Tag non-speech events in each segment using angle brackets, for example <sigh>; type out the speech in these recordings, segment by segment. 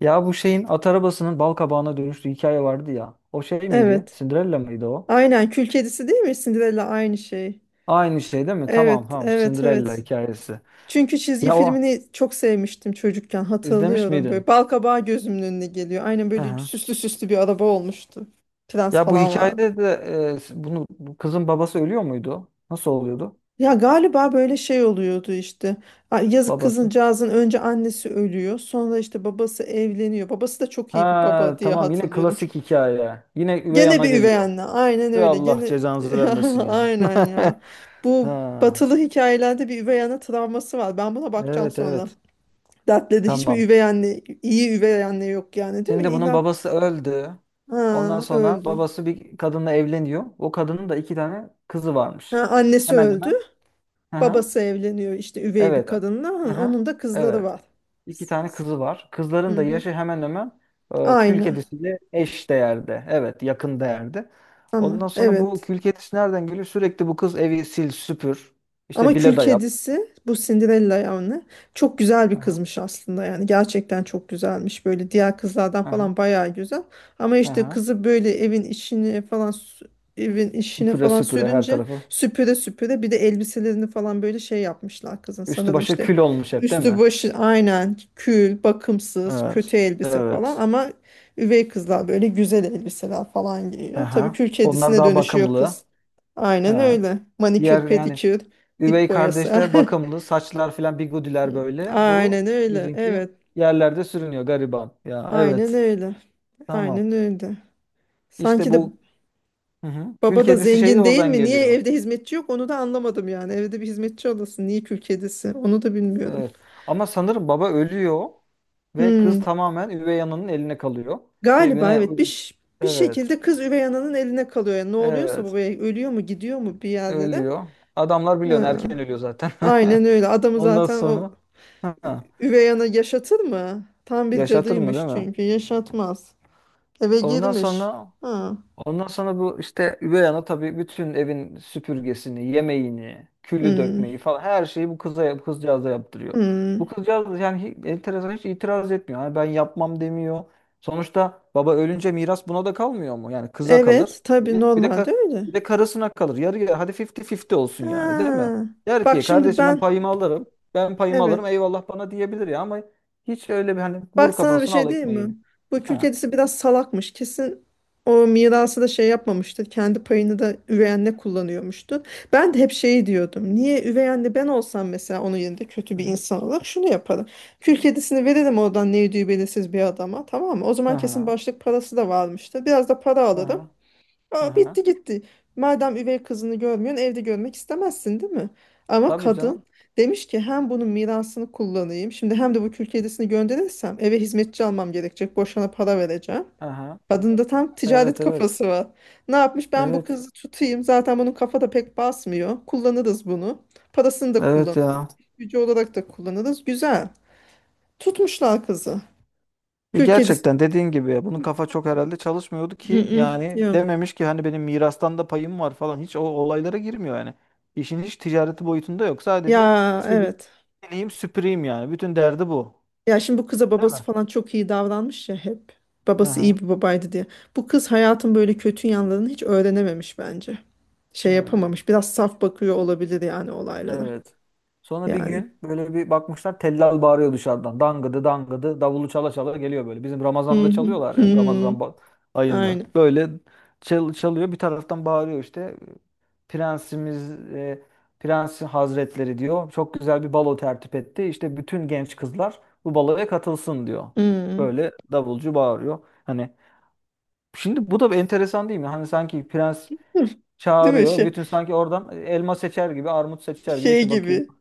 Ya bu şeyin at arabasının bal kabağına dönüştüğü hikaye vardı ya. O şey miydi? Evet. Cinderella mıydı o? Aynen Kül Kedisi değil mi? Cinderella aynı şey. Aynı şey değil mi? Tamam Evet, tamam. evet, Cinderella evet. hikayesi. Çünkü çizgi Ya o filmini çok sevmiştim çocukken izlemiş hatırlıyorum böyle. miydin? Balkabağı gözümün önüne geliyor. Aynen Hı böyle hı. süslü süslü bir araba olmuştu. Prens Ya bu falan vardı. hikayede de e, bunu bu kızın babası ölüyor muydu? Nasıl oluyordu? Ya galiba böyle şey oluyordu işte. Yazık Babası. kızıncağızın önce annesi ölüyor. Sonra işte babası evleniyor. Babası da çok iyi bir baba Ha diye tamam, yine hatırlıyorum. klasik hikaye. Yine üvey Gene ana bir üvey geliyor. anne. Aynen Ya öyle. Allah Gene cezanızı <laughs> vermesin ya. aynen ya. <laughs> Bu Ha, batılı hikayelerde bir üvey anne travması var. Ben buna bakacağım evet sonra. evet. Dertledi. Hiç mi Tamam. üvey anne, iyi üvey anne yok yani değil mi? Şimdi bunun İlla babası öldü. Ondan ha, sonra öldü. babası bir kadınla evleniyor. O kadının da iki tane kızı Ha, varmış. annesi Hemen öldü. hemen. Hı hı. Babası evleniyor işte üvey bir Evet. kadınla. Ha, Hı hı. onun da kızları Evet. var. İki tane kızı var. Kızların Hı da hı. yaşı hemen hemen kül Aynı kedisiyle eş değerde. Evet, yakın değerde. Ondan ama sonra bu evet. kül kedisi nereden geliyor? Sürekli bu kız evi sil, süpür. İşte Ama kül villada yap. kedisi bu Cinderella yani çok güzel Hı bir hı. kızmış aslında yani gerçekten çok güzelmiş böyle diğer kızlardan Hı hı. falan bayağı güzel ama Hı işte hı. kızı böyle evin içine falan evin işine Süpüre falan süpüre her sürünce tarafı. süpüre süpüre bir de elbiselerini falan böyle şey yapmışlar kızın Üstü sanırım başı işte kül olmuş hep değil üstü mi? başı aynen kül bakımsız Evet. kötü elbise falan Evet. ama üvey kızlar böyle güzel elbiseler falan giyiyor tabii Aha. kül Onlar kedisine daha dönüşüyor kız bakımlı. aynen Ha. öyle Diğer manikür yani pedikür. Dip üvey boyası. kardeşler <laughs> bakımlı. Saçlar filan bigudiler böyle. Aynen Bu öyle. bizimki Evet. yerlerde sürünüyor gariban. Ya Aynen evet. öyle. Tamam. Aynen öyle. İşte Sanki de bu. Hı hı. Kül baba da kedisi şey de zengin değil oradan mi? Niye geliyor. evde hizmetçi yok? Onu da anlamadım yani. Evde bir hizmetçi olasın. Niye kül kedisi? Onu da bilmiyorum. Evet. Ama sanırım baba ölüyor ve kız Hmm. tamamen üvey ananın eline kalıyor. Ve Galiba üvey evet bir Evet. şekilde kız üvey ananın eline kalıyor. Yani ne oluyorsa Evet. babaya ölüyor mu gidiyor mu bir yerde de. Ölüyor. Adamlar biliyorsun Ha. erken ölüyor zaten. Aynen öyle. <laughs> Adamı Ondan zaten o sonra, ha, üvey ana yaşatır mı? Tam bir yaşatır mı değil cadıymış mi? çünkü yaşatmaz. Eve Ondan girmiş. sonra Ha. Bu işte üvey ana, tabii, bütün evin süpürgesini, yemeğini, külü Hmm. dökmeyi falan her şeyi bu kızcağıza yaptırıyor. Bu Hmm. kızcağız yani hiç, enteresan, hiç itiraz etmiyor. Yani ben yapmam demiyor. Sonuçta baba ölünce miras buna da kalmıyor mu? Yani kıza kalır, Evet, tabii direkt. Normalde öyle. Bir de karısına kalır. Yarı yarı, hadi 50-50 olsun yani, değil mi? Ha. Der Bak ki şimdi kardeşim ben ben payımı alırım. Ben payımı alırım. evet. Eyvallah bana diyebilir ya, ama hiç öyle bir, hani, vur Bak sana bir kafasına şey al diyeyim mi? ekmeğini. Bu kül Ha. kedisi biraz salakmış. Kesin o mirası da şey yapmamıştır. Kendi payını da üvey anne kullanıyormuştu. Ben de hep şeyi diyordum. Niye üvey anne ben olsam mesela onun yerinde kötü Hı bir hı. insan olarak şunu yaparım. Kül kedisini veririm oradan ne ödüğü belirsiz bir adama tamam mı? O Hı zaman kesin hı. başlık parası da varmıştır. Biraz da para Aha, alırım. Aa, aha. bitti gitti. Madem üvey kızını görmüyorsun, evde görmek istemezsin, değil mi? Ama Tabii kadın canım. demiş ki hem bunun mirasını kullanayım, şimdi hem de bu kül kedisini gönderirsem eve hizmetçi almam gerekecek, boşuna para vereceğim. Aha. Kadın da tam ticaret Evet evet. kafası var. Ne yapmış? Ben bu Evet. kızı tutayım. Zaten bunun kafa da pek basmıyor. Kullanırız bunu. Parasını da Evet kullanırız. ya. Gücü olarak da kullanırız. Güzel. Tutmuşlar kızı. Kül kedisi. Gerçekten, dediğin gibi, ya bunun kafa çok herhalde çalışmıyordu Mm, ki. mm, Yani Yok. dememiş ki hani benim mirastan da payım var falan. Hiç o olaylara girmiyor yani. İşin hiç ticareti boyutunda yok. Sadece Ya sili- evet. sileyim süpüreyim yani. Bütün derdi bu. Ya şimdi bu kıza Değil babası mi? falan çok iyi davranmış ya hep. Babası iyi Aha. bir babaydı diye. Bu kız hayatın böyle kötü yanlarını hiç öğrenememiş bence. Şey Hmm. yapamamış. Biraz saf bakıyor olabilir yani olaylara. Evet. Sonra bir Yani. gün böyle bir bakmışlar, tellal bağırıyor dışarıdan. Dangıdı dangıdı davulu çala çala geliyor böyle. Bizim Hı Ramazan'da hı. çalıyorlar Hı ya, Ramazan hı. Ayında. Aynen. Böyle çalıyor bir taraftan, bağırıyor işte. Prensimiz, Prens Hazretleri diyor, çok güzel bir balo tertip etti. İşte bütün genç kızlar bu baloya katılsın diyor. Hı hı. Böyle davulcu bağırıyor. Hani şimdi bu da bir enteresan, değil mi? Hani sanki prens Değil mi? çağırıyor. Şey, Bütün, sanki oradan elma seçer gibi, armut seçer gibi, şey işte bakayım. gibi.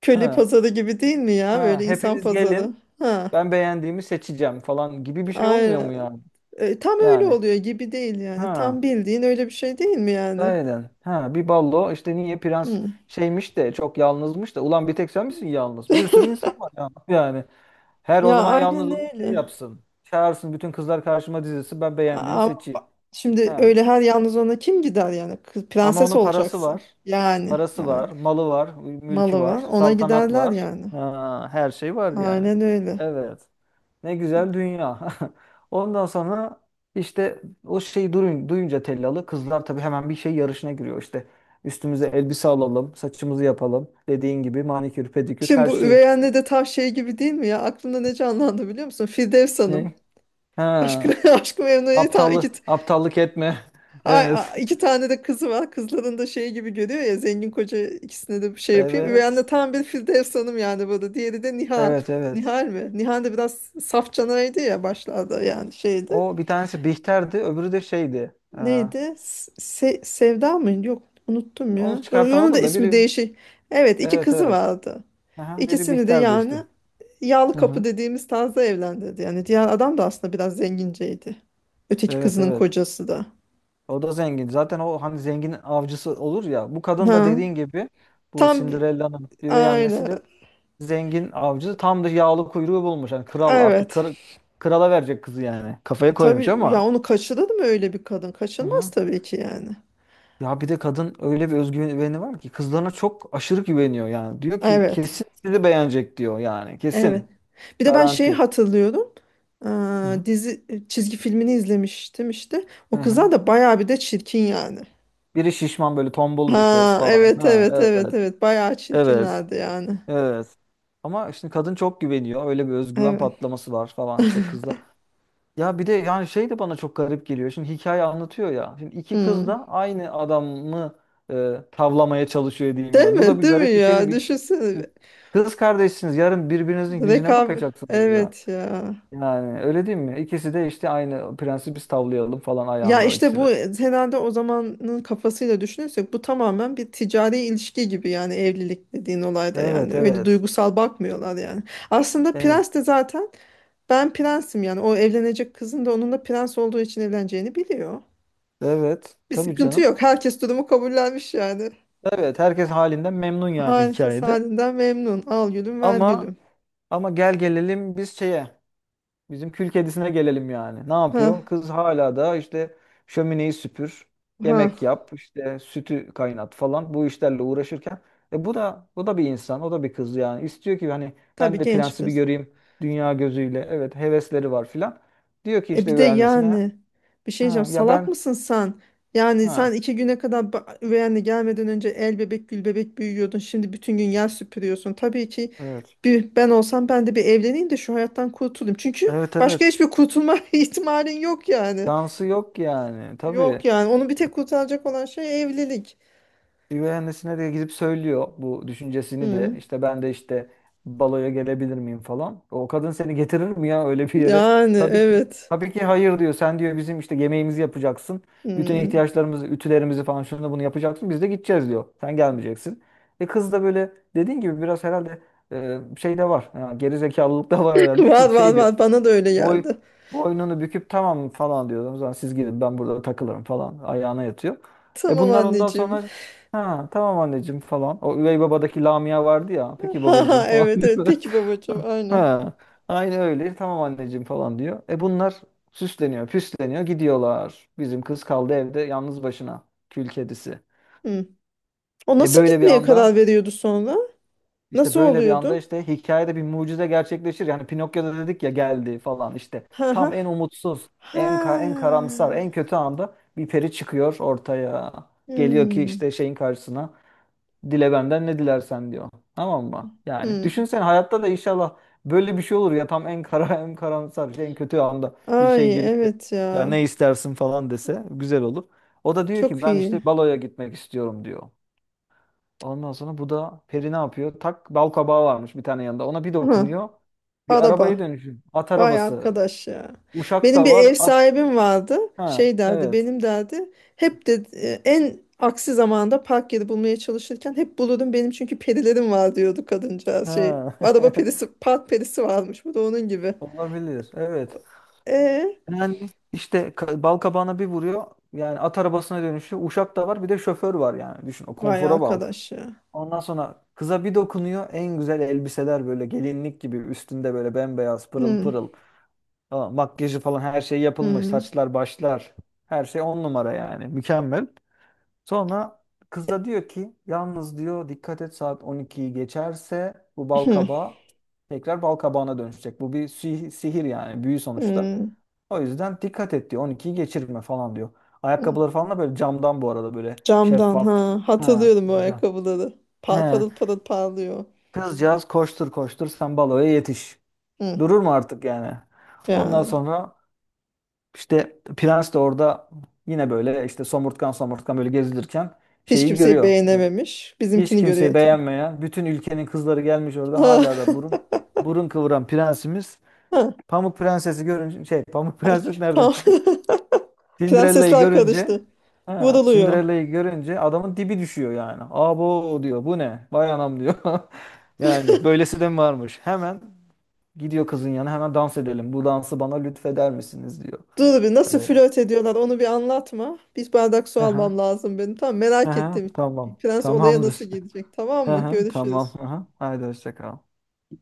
Köle Ha, pazarı gibi değil mi ya? ha, Böyle insan hepiniz pazarı. gelin. Ha. Ben beğendiğimi seçeceğim falan gibi bir şey olmuyor Aynen. mu yani? Tam öyle Yani. oluyor gibi değil yani. Tam Ha, bildiğin öyle bir şey değil mi yani? gayeden. Ha, bir ballo işte, niye prens Hı. şeymiş de çok yalnızmış da. Ulan bir tek sen misin yalnız? Bir sürü insan var ya. Yani. Her o Ya zaman aynen yalnız onu şey öyle. yapsın. Çağırsın bütün kızlar karşıma dizilsin. Ben beğendiğimi A- seçeyim. Şimdi Ha. öyle her yalnız ona kim gider yani? Ama Prenses onun parası olacaksın. var. Yani, Parası yani var, malı var, mülkü malı var, var. Ona saltanat giderler var. yani. Ha, her şey var yani. Aynen öyle. Evet. Ne güzel dünya. <laughs> Ondan sonra işte, o şeyi, duyunca tellalı, kızlar tabii hemen bir şey yarışına giriyor işte. Üstümüze elbise alalım, saçımızı yapalım. Dediğin gibi, manikür, pedikür, Şimdi her bu şeyi. üvey anne de tam şey gibi değil mi ya? Aklımda ne canlandı biliyor musun? Firdevs Hanım. Ne? Ha, Aşkı, <laughs> aşkı Memnu'ya tam iki, t- aptallık etme. <laughs> ay, Evet. ay- iki tane de kızı var. Kızların da şey gibi görüyor ya zengin koca ikisine de bir şey yapayım. Üvey Evet. anne tam bir Firdevs Hanım yani burada. Diğeri de Nihal. Evet, evet. Nihal mi? Nihal de biraz saf canaydı ya başlarda yani şeydi. O bir tanesi Bihter'di, öbürü de şeydi. Neydi? Sevda mıydı? Yok unuttum Onu ya. Yo, onun da çıkartamadım da ismi biri. değişik. Evet iki Evet, kızı evet. vardı. Aha, biri İkisini de Bihter'di yani işte. yağlı Hı kapı hı. dediğimiz tarzda evlendirdi. Yani diğer adam da aslında biraz zenginceydi. Öteki Evet, kızının evet. kocası da. O da zengin. Zaten o, hani, zengin avcısı olur ya. Bu kadın Ha. da, dediğin gibi, bu Tam bi- Cinderella'nın üvey annesi aynen. de zengin avcı. Tam da yağlı kuyruğu bulmuş. Yani kral, artık Evet. kral, krala verecek kızı yani. Kafaya koymuş Tabii ya ama. onu kaçırır mı öyle bir kadın? Hı Kaçırmaz hı. tabii ki yani. Ya bir de kadın öyle bir özgüveni var ki, kızlarına çok aşırı güveniyor yani. Diyor ki Evet. kesin sizi beğenecek diyor yani. Evet. Kesin. Bir de ben şeyi Garanti. hatırlıyorum. Hı hı. Aa, dizi çizgi filmini izlemiştim işte. Hı O kızlar hı. da bayağı bir de çirkin yani. Biri şişman, böyle tombul bir kız Ha falan. evet Ha evet evet evet. evet bayağı Evet. çirkinlerdi yani. Evet. Ama işte kadın çok güveniyor. Öyle bir özgüven Evet. patlaması var falan işte kızla. Ya bir de yani şey de bana çok garip geliyor. Şimdi hikaye anlatıyor ya. Şimdi iki kız Hmm. da aynı adamı tavlamaya çalışıyor diyeyim Değil yani. Bu da mi? bir Değil mi garip bir şey değil ya? mi? Düşünsene. Kız kardeşsiniz. Yarın birbirinizin yüzüne Rekabet. bakacaksınız ya. Evet ya. Yani öyle değil mi? İkisi de işte aynı prensi biz tavlayalım falan Ya ayağında işte ikisi bu de. herhalde o zamanın kafasıyla düşünürsek bu tamamen bir ticari ilişki gibi yani evlilik dediğin olayda yani Evet öyle evet. duygusal bakmıyorlar yani. Aslında Evet. Prens de zaten ben prensim yani. O evlenecek kızın da onun da prens olduğu için evleneceğini biliyor. Evet. Bir Tabii sıkıntı canım. yok. Herkes durumu kabullenmiş yani. Evet. Herkes halinden memnun yani Herkes hikayede. halinden memnun. Al gülüm ver Ama gülüm. Ama gel gelelim biz şeye, bizim kül kedisine gelelim yani. Ne Ha yapıyor? Kız hala da işte şömineyi süpür, ha. yemek yap, işte sütü kaynat falan bu işlerle uğraşırken bu da bir insan, o da bir kız yani. İstiyor ki hani ben Tabii de genç prensi bir kız. göreyim dünya gözüyle. Evet, hevesleri var filan. Diyor ki Bir işte de bir annesine, yani bir şey diyeceğim. ha, ya Salak ben, mısın sen? Yani sen ha iki güne kadar üvey anne gelmeden önce el bebek gül bebek büyüyordun. Şimdi bütün gün yer süpürüyorsun. Tabii ki evet. bir, ben olsam ben de bir evleneyim de şu hayattan kurtulayım. Çünkü Evet başka evet. hiçbir kurtulma <laughs> ihtimalin yok yani. Dansı yok yani. Yok Tabii. yani onu bir tek kurtaracak olan şey evlilik. Üvey annesine de gidip söylüyor bu düşüncesini de. Hmm. İşte ben de, işte, baloya gelebilir miyim falan. O kadın seni getirir mi ya öyle bir yere? Yani Tabii ki. evet. Tabii ki hayır diyor. Sen diyor, bizim işte yemeğimizi yapacaksın. Bütün Hmm. ihtiyaçlarımızı, ütülerimizi falan, şunu da bunu yapacaksın. Biz de gideceğiz diyor. Sen gelmeyeceksin. Kız da böyle, dediğin gibi, biraz herhalde şey de var. Ha, geri da var <laughs> herhalde Var ki var şey diyor. var bana da öyle Boy, geldi. Boynunu büküp tamam falan diyordum. O zaman siz gidin, ben burada takılırım falan. Ayağına yatıyor. Tamam Bunlar ondan anneciğim. sonra, ha, tamam anneciğim falan. O üvey babadaki Lamia vardı ya. <laughs> Peki Ha babacığım ha falan. <laughs> evet evet diyor. peki babacığım aynen. Ha, aynı öyle tamam anneciğim falan diyor. Bunlar süsleniyor püsleniyor gidiyorlar. Bizim kız kaldı evde yalnız başına. Kül kedisi. Hmm. O E nasıl böyle bir gitmeye karar anda veriyordu sonra? İşte Nasıl böyle bir anda oluyordu? işte hikayede bir mucize gerçekleşir. Yani Pinokyo'da dedik ya, geldi falan işte. Ha ha. Tam en umutsuz, en Ha. karamsar, en kötü anda bir peri çıkıyor ortaya. Geliyor ki Hmm. işte şeyin karşısına, dile benden ne dilersen diyor. Tamam mı? Yani Hmm. düşünsen hayatta da inşallah böyle bir şey olur ya, tam en kara <laughs> en karamsar şey, en kötü anda bir şey Ay gelip de evet ya ya. ne istersin falan dese güzel olur. O da diyor ki Çok ben işte iyi. baloya gitmek istiyorum diyor. Ondan sonra bu da peri ne yapıyor? Tak, bal kabağı varmış bir tane yanında. Ona bir Ha. dokunuyor. Bir arabaya Araba. dönüşüyor. At Vay arabası. arkadaş ya. Uşak Benim bir da var. ev At. sahibim vardı. Ha, Şey derdi, evet. benim derdi. Hep de en aksi zamanda park yeri bulmaya çalışırken hep bulurdum benim çünkü perilerim var diyordu kadıncağız şey. Ha. Araba perisi, <laughs> park perisi varmış. Bu da onun gibi. Olabilir. Evet. E Yani işte bal kabağına bir vuruyor. Yani at arabasına dönüşüyor. Uşak da var. Bir de şoför var yani. Düşün o vay konfora bak. arkadaş ya. Ondan sonra kıza bir dokunuyor. En güzel elbiseler böyle, gelinlik gibi üstünde, böyle bembeyaz, pırıl Hmm, pırıl. Tamam, makyajı falan her şey yapılmış. hmm, Saçlar, başlar. Her şey on numara yani. Mükemmel. Sonra kız da diyor ki, yalnız diyor, dikkat et, saat 12'yi geçerse bu bal hmm, kabağı tekrar bal kabağına dönüşecek. Bu bir sihir yani, büyü sonuçta. hmm, O yüzden dikkat et diyor, 12'yi geçirme falan diyor. hmm. Ayakkabıları falan da böyle camdan, bu arada, böyle Camdan şeffaf. ha Ha, hatırlıyorum o güzel. ayakkabıları. He, Parıl parıl parlıyor. kızcağız koştur koştur sen baloya yetiş. Hmm, Durur mu artık yani? Ondan yani sonra İşte prens de orada, yine böyle işte somurtkan somurtkan böyle gezilirken, hiç şeyi kimseyi görüyor. beğenememiş. Hiç Bizimkini kimseyi görüyor tabii. beğenmeyen, bütün ülkenin kızları gelmiş orada hala da burun <laughs> burun kıvıran prensimiz, Ha. <laughs> Pamuk Prensesi görünce, şey, Pamuk <laughs> Ay, Prenses nereden tamam. çıktı? <laughs> Cinderella'yı Prensesler görünce karıştı. ha, Vuruluyor. Cinderella'yı görünce adamın dibi düşüyor yani. Abo diyor, bu ne? Vay anam diyor. <laughs> Yani böylesi de mi varmış? Hemen gidiyor kızın yanına, hemen dans edelim, bu dansı bana lütfeder misiniz diyor. Dur bir nasıl Evet. flört ediyorlar onu bir anlatma. Bir bardak su Aha. almam lazım benim. Tamam merak Aha, ettim. tamam. Prens olaya nasıl Tamamdır. gelecek tamam mı? Aha, tamam. Görüşürüz. Aha. Haydi hoşça kal.